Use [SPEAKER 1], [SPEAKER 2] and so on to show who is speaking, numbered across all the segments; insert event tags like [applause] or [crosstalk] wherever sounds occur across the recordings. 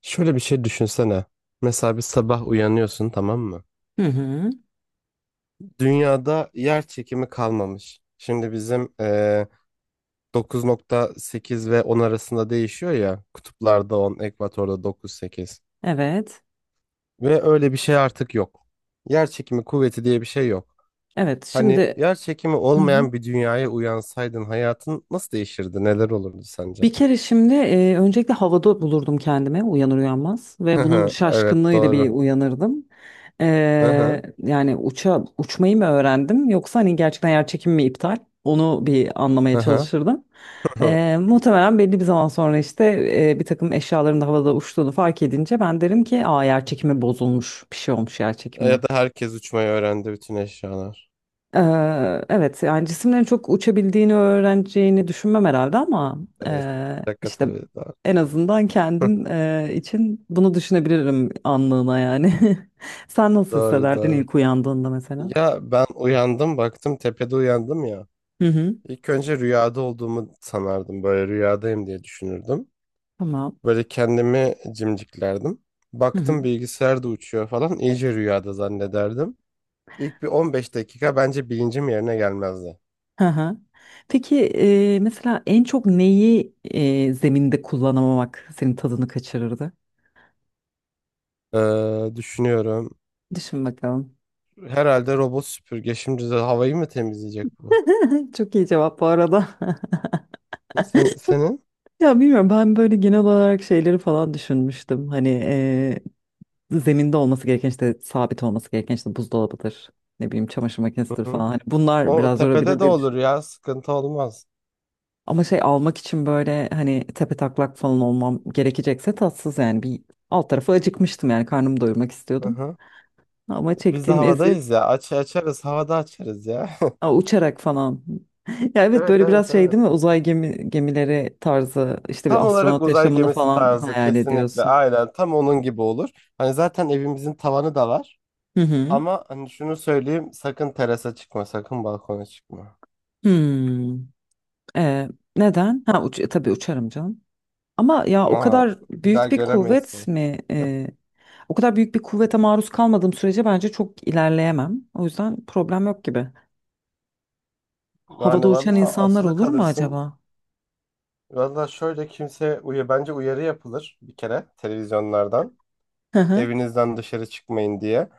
[SPEAKER 1] Şöyle bir şey düşünsene. Mesela bir sabah uyanıyorsun, tamam mı?
[SPEAKER 2] Hı hı.
[SPEAKER 1] Dünyada yer çekimi kalmamış. Şimdi bizim 9,8 ve 10 arasında değişiyor ya. Kutuplarda 10, ekvatorda 9,8.
[SPEAKER 2] Evet.
[SPEAKER 1] Ve öyle bir şey artık yok. Yer çekimi kuvveti diye bir şey yok.
[SPEAKER 2] Evet.
[SPEAKER 1] Hani
[SPEAKER 2] Şimdi
[SPEAKER 1] yer çekimi
[SPEAKER 2] hı hı,
[SPEAKER 1] olmayan bir dünyaya uyansaydın hayatın nasıl değişirdi? Neler olurdu sence?
[SPEAKER 2] bir kere şimdi öncelikle havada bulurdum kendime uyanır uyanmaz ve bunun
[SPEAKER 1] [laughs] Evet,
[SPEAKER 2] şaşkınlığıyla bir
[SPEAKER 1] doğru.
[SPEAKER 2] uyanırdım.
[SPEAKER 1] Hı hı.
[SPEAKER 2] Yani uçmayı mı öğrendim yoksa hani gerçekten yer çekimi mi iptal? Onu bir anlamaya
[SPEAKER 1] Hı hı.
[SPEAKER 2] çalışırdım.
[SPEAKER 1] [laughs]
[SPEAKER 2] Muhtemelen belli bir zaman sonra işte bir takım eşyaların da havada uçtuğunu fark edince ben derim ki aa, yer çekimi bozulmuş, bir şey olmuş yer çekimine.
[SPEAKER 1] Ya da herkes uçmayı öğrendi, bütün eşyalar.
[SPEAKER 2] Evet, yani cisimlerin çok uçabildiğini öğreneceğini düşünmem herhalde ama
[SPEAKER 1] Evet, şaka
[SPEAKER 2] işte
[SPEAKER 1] tabii, doğru.
[SPEAKER 2] en azından kendim
[SPEAKER 1] [laughs]
[SPEAKER 2] için bunu düşünebilirim anlığına yani. [laughs] Sen nasıl
[SPEAKER 1] Doğru,
[SPEAKER 2] hissederdin
[SPEAKER 1] doğru.
[SPEAKER 2] ilk uyandığında mesela?
[SPEAKER 1] Ya ben uyandım baktım tepede uyandım ya.
[SPEAKER 2] Hı hı.
[SPEAKER 1] İlk önce rüyada olduğumu sanardım, böyle rüyadayım diye düşünürdüm.
[SPEAKER 2] Tamam.
[SPEAKER 1] Böyle kendimi cimciklerdim.
[SPEAKER 2] Hı hı.
[SPEAKER 1] Baktım bilgisayar da uçuyor falan, iyice rüyada zannederdim. İlk bir 15 dakika bence bilincim yerine gelmezdi.
[SPEAKER 2] Hı hı. Peki mesela en çok neyi zeminde kullanamamak senin tadını kaçırırdı?
[SPEAKER 1] Düşünüyorum.
[SPEAKER 2] Düşün bakalım.
[SPEAKER 1] Herhalde robot süpürge şimdi de havayı mı temizleyecek bu?
[SPEAKER 2] [laughs] Çok iyi cevap bu arada. [laughs]
[SPEAKER 1] Senin?
[SPEAKER 2] Ya bilmiyorum, ben böyle genel olarak şeyleri falan düşünmüştüm. Hani zeminde olması gereken, işte sabit olması gereken, işte buzdolabıdır. Ne bileyim, çamaşır
[SPEAKER 1] Hı
[SPEAKER 2] makinesidir
[SPEAKER 1] hı.
[SPEAKER 2] falan. Hani bunlar
[SPEAKER 1] O
[SPEAKER 2] biraz
[SPEAKER 1] tepede
[SPEAKER 2] yorabilir
[SPEAKER 1] de
[SPEAKER 2] diye
[SPEAKER 1] olur
[SPEAKER 2] düşünüyorum.
[SPEAKER 1] ya, sıkıntı olmaz.
[SPEAKER 2] Ama şey almak için böyle hani tepetaklak falan olmam gerekecekse tatsız yani, bir alt tarafı acıkmıştım yani, karnımı doyurmak
[SPEAKER 1] Hı
[SPEAKER 2] istiyordum.
[SPEAKER 1] hı.
[SPEAKER 2] Ama
[SPEAKER 1] Biz de
[SPEAKER 2] çektiğim eziyet.
[SPEAKER 1] havadayız ya. Aç açarız, havada açarız ya.
[SPEAKER 2] Aa,
[SPEAKER 1] [laughs]
[SPEAKER 2] uçarak falan. [laughs] Ya evet,
[SPEAKER 1] Evet,
[SPEAKER 2] böyle
[SPEAKER 1] evet,
[SPEAKER 2] biraz şey değil mi,
[SPEAKER 1] evet.
[SPEAKER 2] uzay gemi, gemileri tarzı, işte bir
[SPEAKER 1] Tam olarak
[SPEAKER 2] astronot
[SPEAKER 1] uzay
[SPEAKER 2] yaşamını
[SPEAKER 1] gemisi
[SPEAKER 2] falan
[SPEAKER 1] tarzı,
[SPEAKER 2] hayal
[SPEAKER 1] kesinlikle
[SPEAKER 2] ediyorsun.
[SPEAKER 1] aynen tam onun gibi olur. Hani zaten evimizin tavanı da var.
[SPEAKER 2] Hı hı.
[SPEAKER 1] Ama hani şunu söyleyeyim, sakın terasa çıkma, sakın balkona çıkma.
[SPEAKER 2] Hmm. Ee, Neden? Ha uç, tabii uçarım canım. Ama ya o
[SPEAKER 1] Ma,
[SPEAKER 2] kadar
[SPEAKER 1] Bir daha
[SPEAKER 2] büyük bir
[SPEAKER 1] göremeyiz
[SPEAKER 2] kuvvet
[SPEAKER 1] seni.
[SPEAKER 2] mi? O kadar büyük bir kuvvete maruz kalmadığım sürece bence çok ilerleyemem. O yüzden problem yok gibi. Havada
[SPEAKER 1] Yani
[SPEAKER 2] uçan
[SPEAKER 1] valla
[SPEAKER 2] insanlar
[SPEAKER 1] asılı
[SPEAKER 2] olur mu
[SPEAKER 1] kalırsın.
[SPEAKER 2] acaba?
[SPEAKER 1] Valla şöyle, kimse uyu bence uyarı yapılır bir kere televizyonlardan.
[SPEAKER 2] Hı hı.
[SPEAKER 1] Evinizden dışarı çıkmayın diye.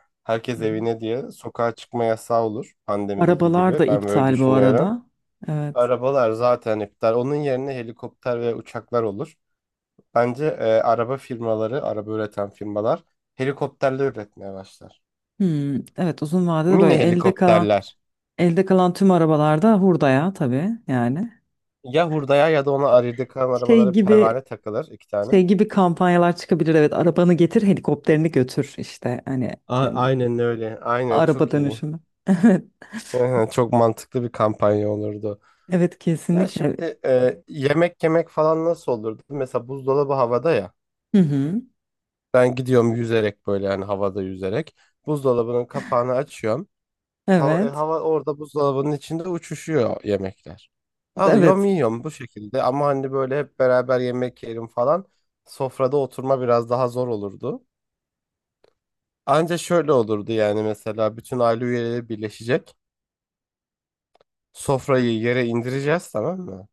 [SPEAKER 2] Hı
[SPEAKER 1] Herkes
[SPEAKER 2] hı.
[SPEAKER 1] evine diye sokağa çıkma yasağı olur, pandemideki
[SPEAKER 2] Arabalar
[SPEAKER 1] gibi.
[SPEAKER 2] da
[SPEAKER 1] Ben böyle
[SPEAKER 2] iptal bu
[SPEAKER 1] düşünüyorum.
[SPEAKER 2] arada. Evet.
[SPEAKER 1] Arabalar zaten iptal. Onun yerine helikopter ve uçaklar olur. Bence araba firmaları, araba üreten firmalar helikopterle üretmeye başlar.
[SPEAKER 2] Hmm, evet, uzun vadede
[SPEAKER 1] Mini
[SPEAKER 2] böyle elde kalan,
[SPEAKER 1] helikopterler.
[SPEAKER 2] elde kalan tüm arabalarda hurdaya tabii yani.
[SPEAKER 1] Ya hurdaya ya da ona aride kalan
[SPEAKER 2] Şey
[SPEAKER 1] arabalara
[SPEAKER 2] gibi,
[SPEAKER 1] pervane takılır, iki tane.
[SPEAKER 2] şey gibi kampanyalar çıkabilir, evet, arabanı getir helikopterini götür işte hani.
[SPEAKER 1] Aynen öyle. Aynen
[SPEAKER 2] Araba
[SPEAKER 1] çok iyi.
[SPEAKER 2] dönüşümü. [laughs] Evet.
[SPEAKER 1] [laughs] Çok mantıklı bir kampanya olurdu.
[SPEAKER 2] Evet
[SPEAKER 1] Ya
[SPEAKER 2] kesinlikle.
[SPEAKER 1] şimdi yemek yemek falan nasıl olurdu? Mesela buzdolabı havada ya.
[SPEAKER 2] Hı hı.
[SPEAKER 1] Ben gidiyorum yüzerek, böyle yani havada yüzerek. Buzdolabının kapağını açıyorum. Hava, e,
[SPEAKER 2] Evet.
[SPEAKER 1] hava orada, buzdolabının içinde uçuşuyor yemekler. Alıyorum
[SPEAKER 2] Evet.
[SPEAKER 1] yiyorum bu şekilde, ama hani böyle hep beraber yemek yerim falan. Sofrada oturma biraz daha zor olurdu. Anca şöyle olurdu yani, mesela bütün aile üyeleri birleşecek. Sofrayı yere indireceğiz, tamam mı?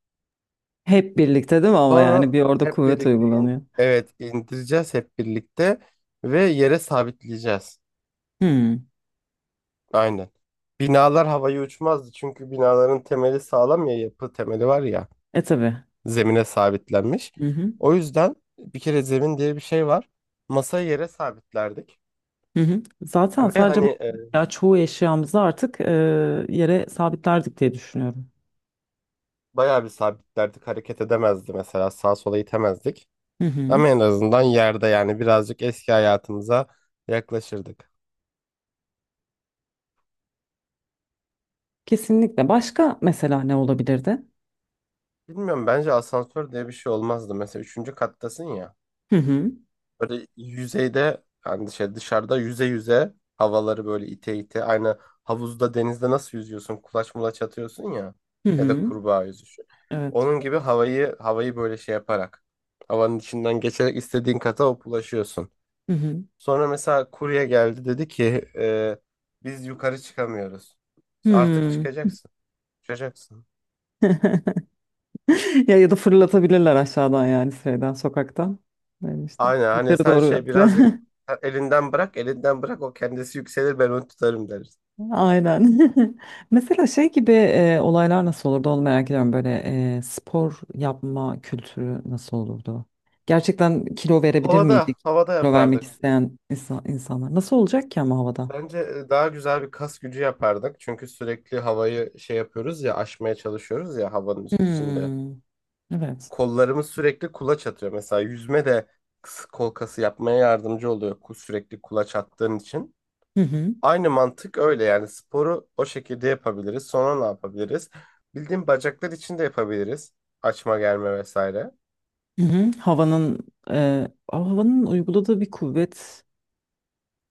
[SPEAKER 2] Hep birlikte değil mi ama, yani
[SPEAKER 1] Sonra
[SPEAKER 2] bir orada
[SPEAKER 1] hep
[SPEAKER 2] kuvvet
[SPEAKER 1] birlikte
[SPEAKER 2] uygulanıyor.
[SPEAKER 1] evet, indireceğiz hep birlikte ve yere sabitleyeceğiz.
[SPEAKER 2] Hmm.
[SPEAKER 1] Aynen. Binalar havaya uçmazdı, çünkü binaların temeli sağlam ya, yapı temeli var ya,
[SPEAKER 2] E tabii.
[SPEAKER 1] zemine sabitlenmiş.
[SPEAKER 2] Hı hı.
[SPEAKER 1] O yüzden bir kere zemin diye bir şey var. Masayı yere sabitlerdik
[SPEAKER 2] Hı hı. Zaten
[SPEAKER 1] ve
[SPEAKER 2] sadece
[SPEAKER 1] hani,
[SPEAKER 2] [laughs] ya çoğu eşyamızı artık yere sabitlerdik diye düşünüyorum.
[SPEAKER 1] bayağı bir sabitlerdik, hareket edemezdi, mesela sağa sola itemezdik.
[SPEAKER 2] Hı hı.
[SPEAKER 1] Ama en azından yerde, yani birazcık eski hayatımıza yaklaşırdık.
[SPEAKER 2] Kesinlikle. Başka mesela ne olabilirdi?
[SPEAKER 1] Bilmiyorum, bence asansör diye bir şey olmazdı. Mesela üçüncü kattasın ya.
[SPEAKER 2] Hı hı.
[SPEAKER 1] Böyle yüzeyde, yani şey, dışarıda yüze yüze, havaları böyle ite ite. Aynı havuzda, denizde nasıl yüzüyorsun? Kulaç mulaç atıyorsun ya.
[SPEAKER 2] Hı
[SPEAKER 1] Ya da
[SPEAKER 2] hı.
[SPEAKER 1] kurbağa yüzüşü.
[SPEAKER 2] Evet.
[SPEAKER 1] Onun gibi havayı havayı böyle şey yaparak, havanın içinden geçerek istediğin kata hop ulaşıyorsun.
[SPEAKER 2] Hı hı.
[SPEAKER 1] Sonra mesela kurye geldi, dedi ki e, biz yukarı çıkamıyoruz. İşte artık
[SPEAKER 2] Hmm.
[SPEAKER 1] çıkacaksın. Çıkacaksın.
[SPEAKER 2] [laughs] Ya ya da fırlatabilirler aşağıdan, yani şeyden, sokaktan. Yani işte
[SPEAKER 1] Aynen, hani
[SPEAKER 2] yukarı
[SPEAKER 1] sen
[SPEAKER 2] doğru
[SPEAKER 1] şey,
[SPEAKER 2] yaptı.
[SPEAKER 1] birazcık
[SPEAKER 2] [laughs]
[SPEAKER 1] elinden bırak, elinden bırak, o kendisi yükselir, ben onu tutarım deriz.
[SPEAKER 2] Aynen. [laughs] Mesela şey gibi olaylar nasıl olurdu onu merak ediyorum. Böyle spor yapma kültürü nasıl olurdu? Gerçekten kilo verebilir
[SPEAKER 1] Havada
[SPEAKER 2] miydik?
[SPEAKER 1] havada
[SPEAKER 2] Kilo vermek
[SPEAKER 1] yapardık.
[SPEAKER 2] isteyen insan, insanlar. Nasıl olacak ki ama havada?
[SPEAKER 1] Bence daha güzel bir kas gücü yapardık. Çünkü sürekli havayı şey yapıyoruz ya, aşmaya çalışıyoruz ya havanın içinde.
[SPEAKER 2] Hmm, evet.
[SPEAKER 1] Kollarımız sürekli kulaç atıyor. Mesela yüzme de kol kası yapmaya yardımcı oluyor, sürekli kulaç attığın için.
[SPEAKER 2] Hı hı.
[SPEAKER 1] Aynı mantık öyle yani, sporu o şekilde yapabiliriz. Sonra ne yapabiliriz? Bildiğin bacaklar için de yapabiliriz. Açma germe vesaire.
[SPEAKER 2] Hı hı. Havanın havanın uyguladığı bir kuvvet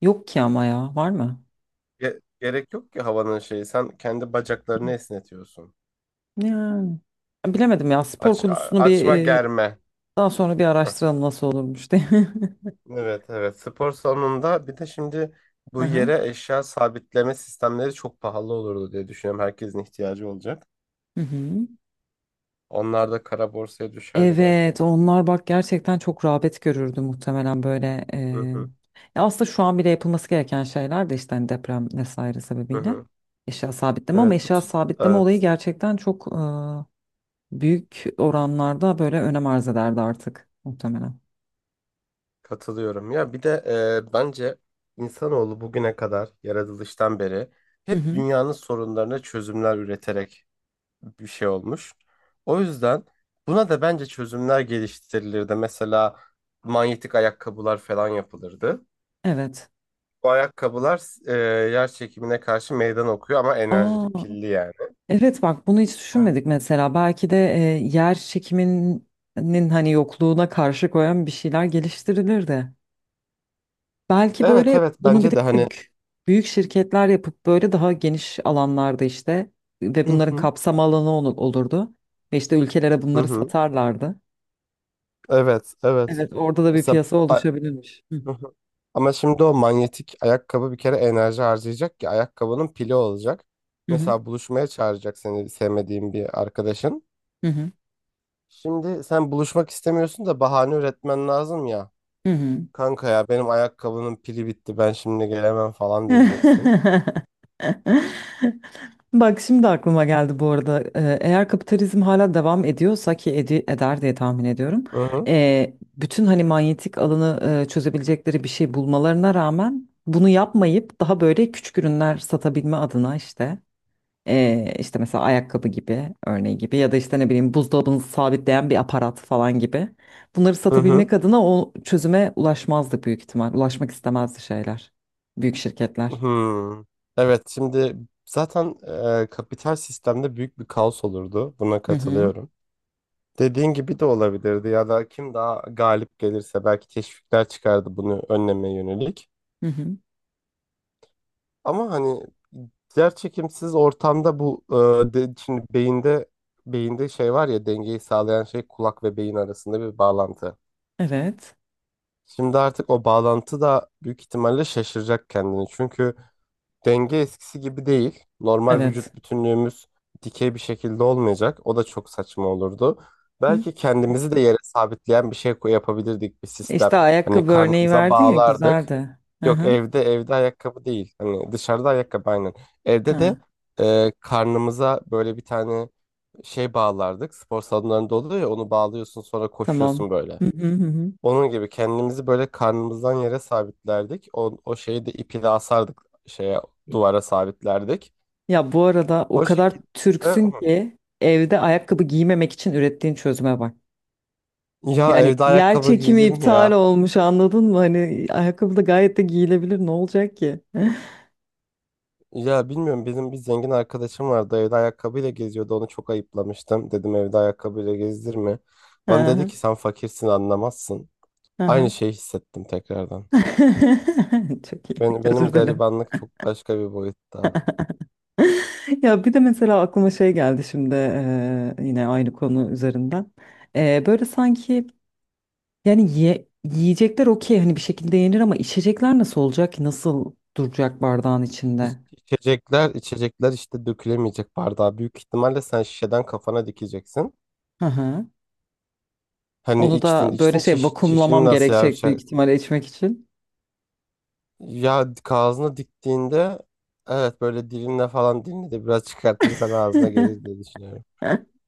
[SPEAKER 2] yok ki ama, ya var mı?
[SPEAKER 1] Gerek yok ki havanın şeyi. Sen kendi bacaklarını esnetiyorsun.
[SPEAKER 2] Yani bilemedim ya, spor
[SPEAKER 1] Aç a-
[SPEAKER 2] konusunu bir
[SPEAKER 1] açma germe.
[SPEAKER 2] daha sonra bir
[SPEAKER 1] Heh.
[SPEAKER 2] araştıralım nasıl olurmuş diye.
[SPEAKER 1] Evet, evet. Spor salonunda bir de şimdi
[SPEAKER 2] [laughs]
[SPEAKER 1] bu
[SPEAKER 2] Aha.
[SPEAKER 1] yere eşya sabitleme sistemleri çok pahalı olurdu diye düşünüyorum. Herkesin ihtiyacı olacak.
[SPEAKER 2] Hı hı.
[SPEAKER 1] Onlar da kara borsaya düşerdi belki.
[SPEAKER 2] Evet, onlar bak gerçekten çok rağbet görürdü muhtemelen böyle.
[SPEAKER 1] Hı hı
[SPEAKER 2] Ya aslında şu an bile yapılması gereken şeyler de işte, hani deprem vesaire
[SPEAKER 1] hı.
[SPEAKER 2] sebebiyle
[SPEAKER 1] Hı.
[SPEAKER 2] eşya sabitleme, ama
[SPEAKER 1] Evet, bu
[SPEAKER 2] eşya
[SPEAKER 1] tut
[SPEAKER 2] sabitleme olayı
[SPEAKER 1] evet,
[SPEAKER 2] gerçekten çok büyük oranlarda böyle önem arz ederdi artık muhtemelen.
[SPEAKER 1] katılıyorum. Ya bir de bence insanoğlu bugüne kadar yaratılıştan beri
[SPEAKER 2] Hı
[SPEAKER 1] hep
[SPEAKER 2] hı.
[SPEAKER 1] dünyanın sorunlarına çözümler üreterek bir şey olmuş. O yüzden buna da bence çözümler geliştirilirdi. Mesela manyetik ayakkabılar falan yapılırdı.
[SPEAKER 2] Evet.
[SPEAKER 1] Bu ayakkabılar e, yer çekimine karşı meydan okuyor, ama enerjili,
[SPEAKER 2] Aa,
[SPEAKER 1] pilli yani.
[SPEAKER 2] evet bak, bunu hiç
[SPEAKER 1] Aynen.
[SPEAKER 2] düşünmedik mesela. Belki de yer çekiminin hani yokluğuna karşı koyan bir şeyler geliştirilirdi. Belki
[SPEAKER 1] Evet,
[SPEAKER 2] böyle
[SPEAKER 1] evet,
[SPEAKER 2] bunu bir de
[SPEAKER 1] bence de hani.
[SPEAKER 2] büyük şirketler yapıp böyle daha geniş alanlarda işte ve
[SPEAKER 1] Hı
[SPEAKER 2] bunların
[SPEAKER 1] hı.
[SPEAKER 2] kapsam alanı olurdu. Ve işte ülkelere
[SPEAKER 1] Hı
[SPEAKER 2] bunları
[SPEAKER 1] hı.
[SPEAKER 2] satarlardı.
[SPEAKER 1] Evet, evet,
[SPEAKER 2] Evet, orada da bir
[SPEAKER 1] mesela
[SPEAKER 2] piyasa
[SPEAKER 1] a-
[SPEAKER 2] oluşabilirmiş. Hı
[SPEAKER 1] Hı hı. Ama şimdi o manyetik ayakkabı bir kere enerji harcayacak ki, ayakkabının pili olacak.
[SPEAKER 2] hı
[SPEAKER 1] Mesela buluşmaya çağıracak seni sevmediğin bir arkadaşın.
[SPEAKER 2] hı hı.
[SPEAKER 1] Şimdi sen buluşmak istemiyorsun da bahane üretmen lazım ya.
[SPEAKER 2] Hı
[SPEAKER 1] Kanka ya, benim ayakkabının pili bitti, ben şimdi gelemem falan
[SPEAKER 2] hı. [laughs]
[SPEAKER 1] diyeceksin.
[SPEAKER 2] [laughs] Bak, şimdi aklıma geldi bu arada. Eğer kapitalizm hala devam ediyorsa ki eder diye tahmin ediyorum.
[SPEAKER 1] Hı hı.
[SPEAKER 2] Bütün hani manyetik alanı çözebilecekleri bir şey bulmalarına rağmen bunu yapmayıp daha böyle küçük ürünler satabilme adına, işte işte mesela ayakkabı gibi, örneği gibi, ya da işte ne bileyim buzdolabını sabitleyen bir aparat falan gibi, bunları
[SPEAKER 1] Hı hı.
[SPEAKER 2] satabilmek adına o çözüme ulaşmazdı büyük ihtimal. Ulaşmak istemezdi şeyler. Büyük şirketler.
[SPEAKER 1] Hı. Evet, şimdi zaten kapital sistemde büyük bir kaos olurdu. Buna
[SPEAKER 2] Hı hı.
[SPEAKER 1] katılıyorum. Dediğin gibi de olabilirdi, ya da kim daha galip gelirse belki teşvikler çıkardı bunu önlemeye yönelik.
[SPEAKER 2] Hı hı.
[SPEAKER 1] Ama hani yer çekimsiz ortamda bu şimdi beyinde şey var ya, dengeyi sağlayan şey, kulak ve beyin arasında bir bağlantı.
[SPEAKER 2] Evet.
[SPEAKER 1] Şimdi artık o bağlantı da büyük ihtimalle şaşıracak kendini. Çünkü denge eskisi gibi değil. Normal
[SPEAKER 2] Evet.
[SPEAKER 1] vücut bütünlüğümüz dikey bir şekilde olmayacak. O da çok saçma olurdu.
[SPEAKER 2] Hı.
[SPEAKER 1] Belki kendimizi de yere sabitleyen bir şey yapabilirdik, bir sistem.
[SPEAKER 2] İşte
[SPEAKER 1] Hani
[SPEAKER 2] ayakkabı örneği
[SPEAKER 1] karnımıza
[SPEAKER 2] verdin ya,
[SPEAKER 1] bağlardık.
[SPEAKER 2] güzeldi. Hı
[SPEAKER 1] Yok,
[SPEAKER 2] hı.
[SPEAKER 1] evde ayakkabı değil. Hani dışarıda ayakkabı, aynen. Evde de
[SPEAKER 2] Ha,
[SPEAKER 1] karnımıza böyle bir tane şey bağlardık. Spor salonlarında oluyor ya, onu bağlıyorsun sonra
[SPEAKER 2] tamam.
[SPEAKER 1] koşuyorsun böyle.
[SPEAKER 2] Hı hı hı. Hı.
[SPEAKER 1] Onun gibi kendimizi böyle karnımızdan yere sabitlerdik. O şeyi de iple asardık, şeye duvara sabitlerdik.
[SPEAKER 2] Ya bu arada o
[SPEAKER 1] O
[SPEAKER 2] kadar
[SPEAKER 1] şekilde. Hı.
[SPEAKER 2] Türksün ki evde ayakkabı giymemek için ürettiğin çözüme bak.
[SPEAKER 1] Ya
[SPEAKER 2] Yani
[SPEAKER 1] evde
[SPEAKER 2] yer
[SPEAKER 1] ayakkabı
[SPEAKER 2] çekimi
[SPEAKER 1] giyilir mi
[SPEAKER 2] iptal
[SPEAKER 1] ya?
[SPEAKER 2] olmuş, anladın mı? Hani ayakkabı da gayet de giyilebilir, ne olacak ki? [laughs]
[SPEAKER 1] Ya bilmiyorum, bizim bir zengin arkadaşım vardı, evde ayakkabıyla geziyordu, onu çok ayıplamıştım. Dedim evde ayakkabıyla gezdirme.
[SPEAKER 2] Hı
[SPEAKER 1] Bana dedi
[SPEAKER 2] hı.
[SPEAKER 1] ki sen fakirsin, anlamazsın.
[SPEAKER 2] Hı
[SPEAKER 1] Aynı
[SPEAKER 2] hı.
[SPEAKER 1] şeyi hissettim tekrardan.
[SPEAKER 2] [laughs] Çok iyi.
[SPEAKER 1] Benim
[SPEAKER 2] Özür dilerim.
[SPEAKER 1] garibanlık çok başka bir boyutta.
[SPEAKER 2] [laughs] Ya bir de mesela aklıma şey geldi şimdi, yine aynı konu üzerinden. Böyle sanki yani yiyecekler okey, hani bir şekilde yenir ama içecekler nasıl olacak ki? Nasıl duracak bardağın
[SPEAKER 1] İç,
[SPEAKER 2] içinde?
[SPEAKER 1] içecekler içecekler işte dökülemeyecek bardağa. Büyük ihtimalle sen şişeden kafana dikeceksin.
[SPEAKER 2] Hı hı.
[SPEAKER 1] Hani
[SPEAKER 2] Onu da
[SPEAKER 1] içtin
[SPEAKER 2] böyle
[SPEAKER 1] içtin
[SPEAKER 2] şey,
[SPEAKER 1] çişini
[SPEAKER 2] vakumlamam
[SPEAKER 1] nasıl ya?
[SPEAKER 2] gerekecek büyük ihtimalle içmek için.
[SPEAKER 1] Ya ağzına diktiğinde, evet, böyle dilinle falan, dilini de biraz [laughs] çıkartırsan ağzına gelir diye düşünüyorum.
[SPEAKER 2] [laughs]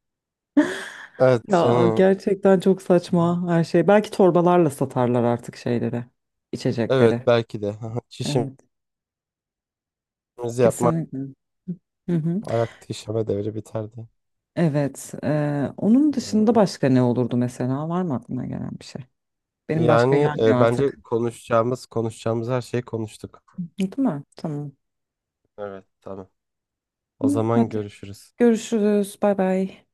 [SPEAKER 1] Evet
[SPEAKER 2] Ya
[SPEAKER 1] yani,
[SPEAKER 2] gerçekten çok saçma her şey. Belki torbalarla satarlar artık şeyleri,
[SPEAKER 1] evet
[SPEAKER 2] içecekleri.
[SPEAKER 1] belki de [laughs] çişimizi
[SPEAKER 2] Evet,
[SPEAKER 1] yapmak,
[SPEAKER 2] kesinlikle. Hı hı.
[SPEAKER 1] ayakta işeme devri biterdi.
[SPEAKER 2] Evet. Onun dışında başka ne olurdu mesela? Var mı aklına gelen bir şey? Benim başka
[SPEAKER 1] Yani
[SPEAKER 2] gelmiyor
[SPEAKER 1] bence
[SPEAKER 2] artık.
[SPEAKER 1] konuşacağımız her şeyi konuştuk.
[SPEAKER 2] Değil mi? Tamam.
[SPEAKER 1] Evet, tamam. O
[SPEAKER 2] İyi,
[SPEAKER 1] zaman
[SPEAKER 2] hadi
[SPEAKER 1] görüşürüz.
[SPEAKER 2] görüşürüz. Bay bay.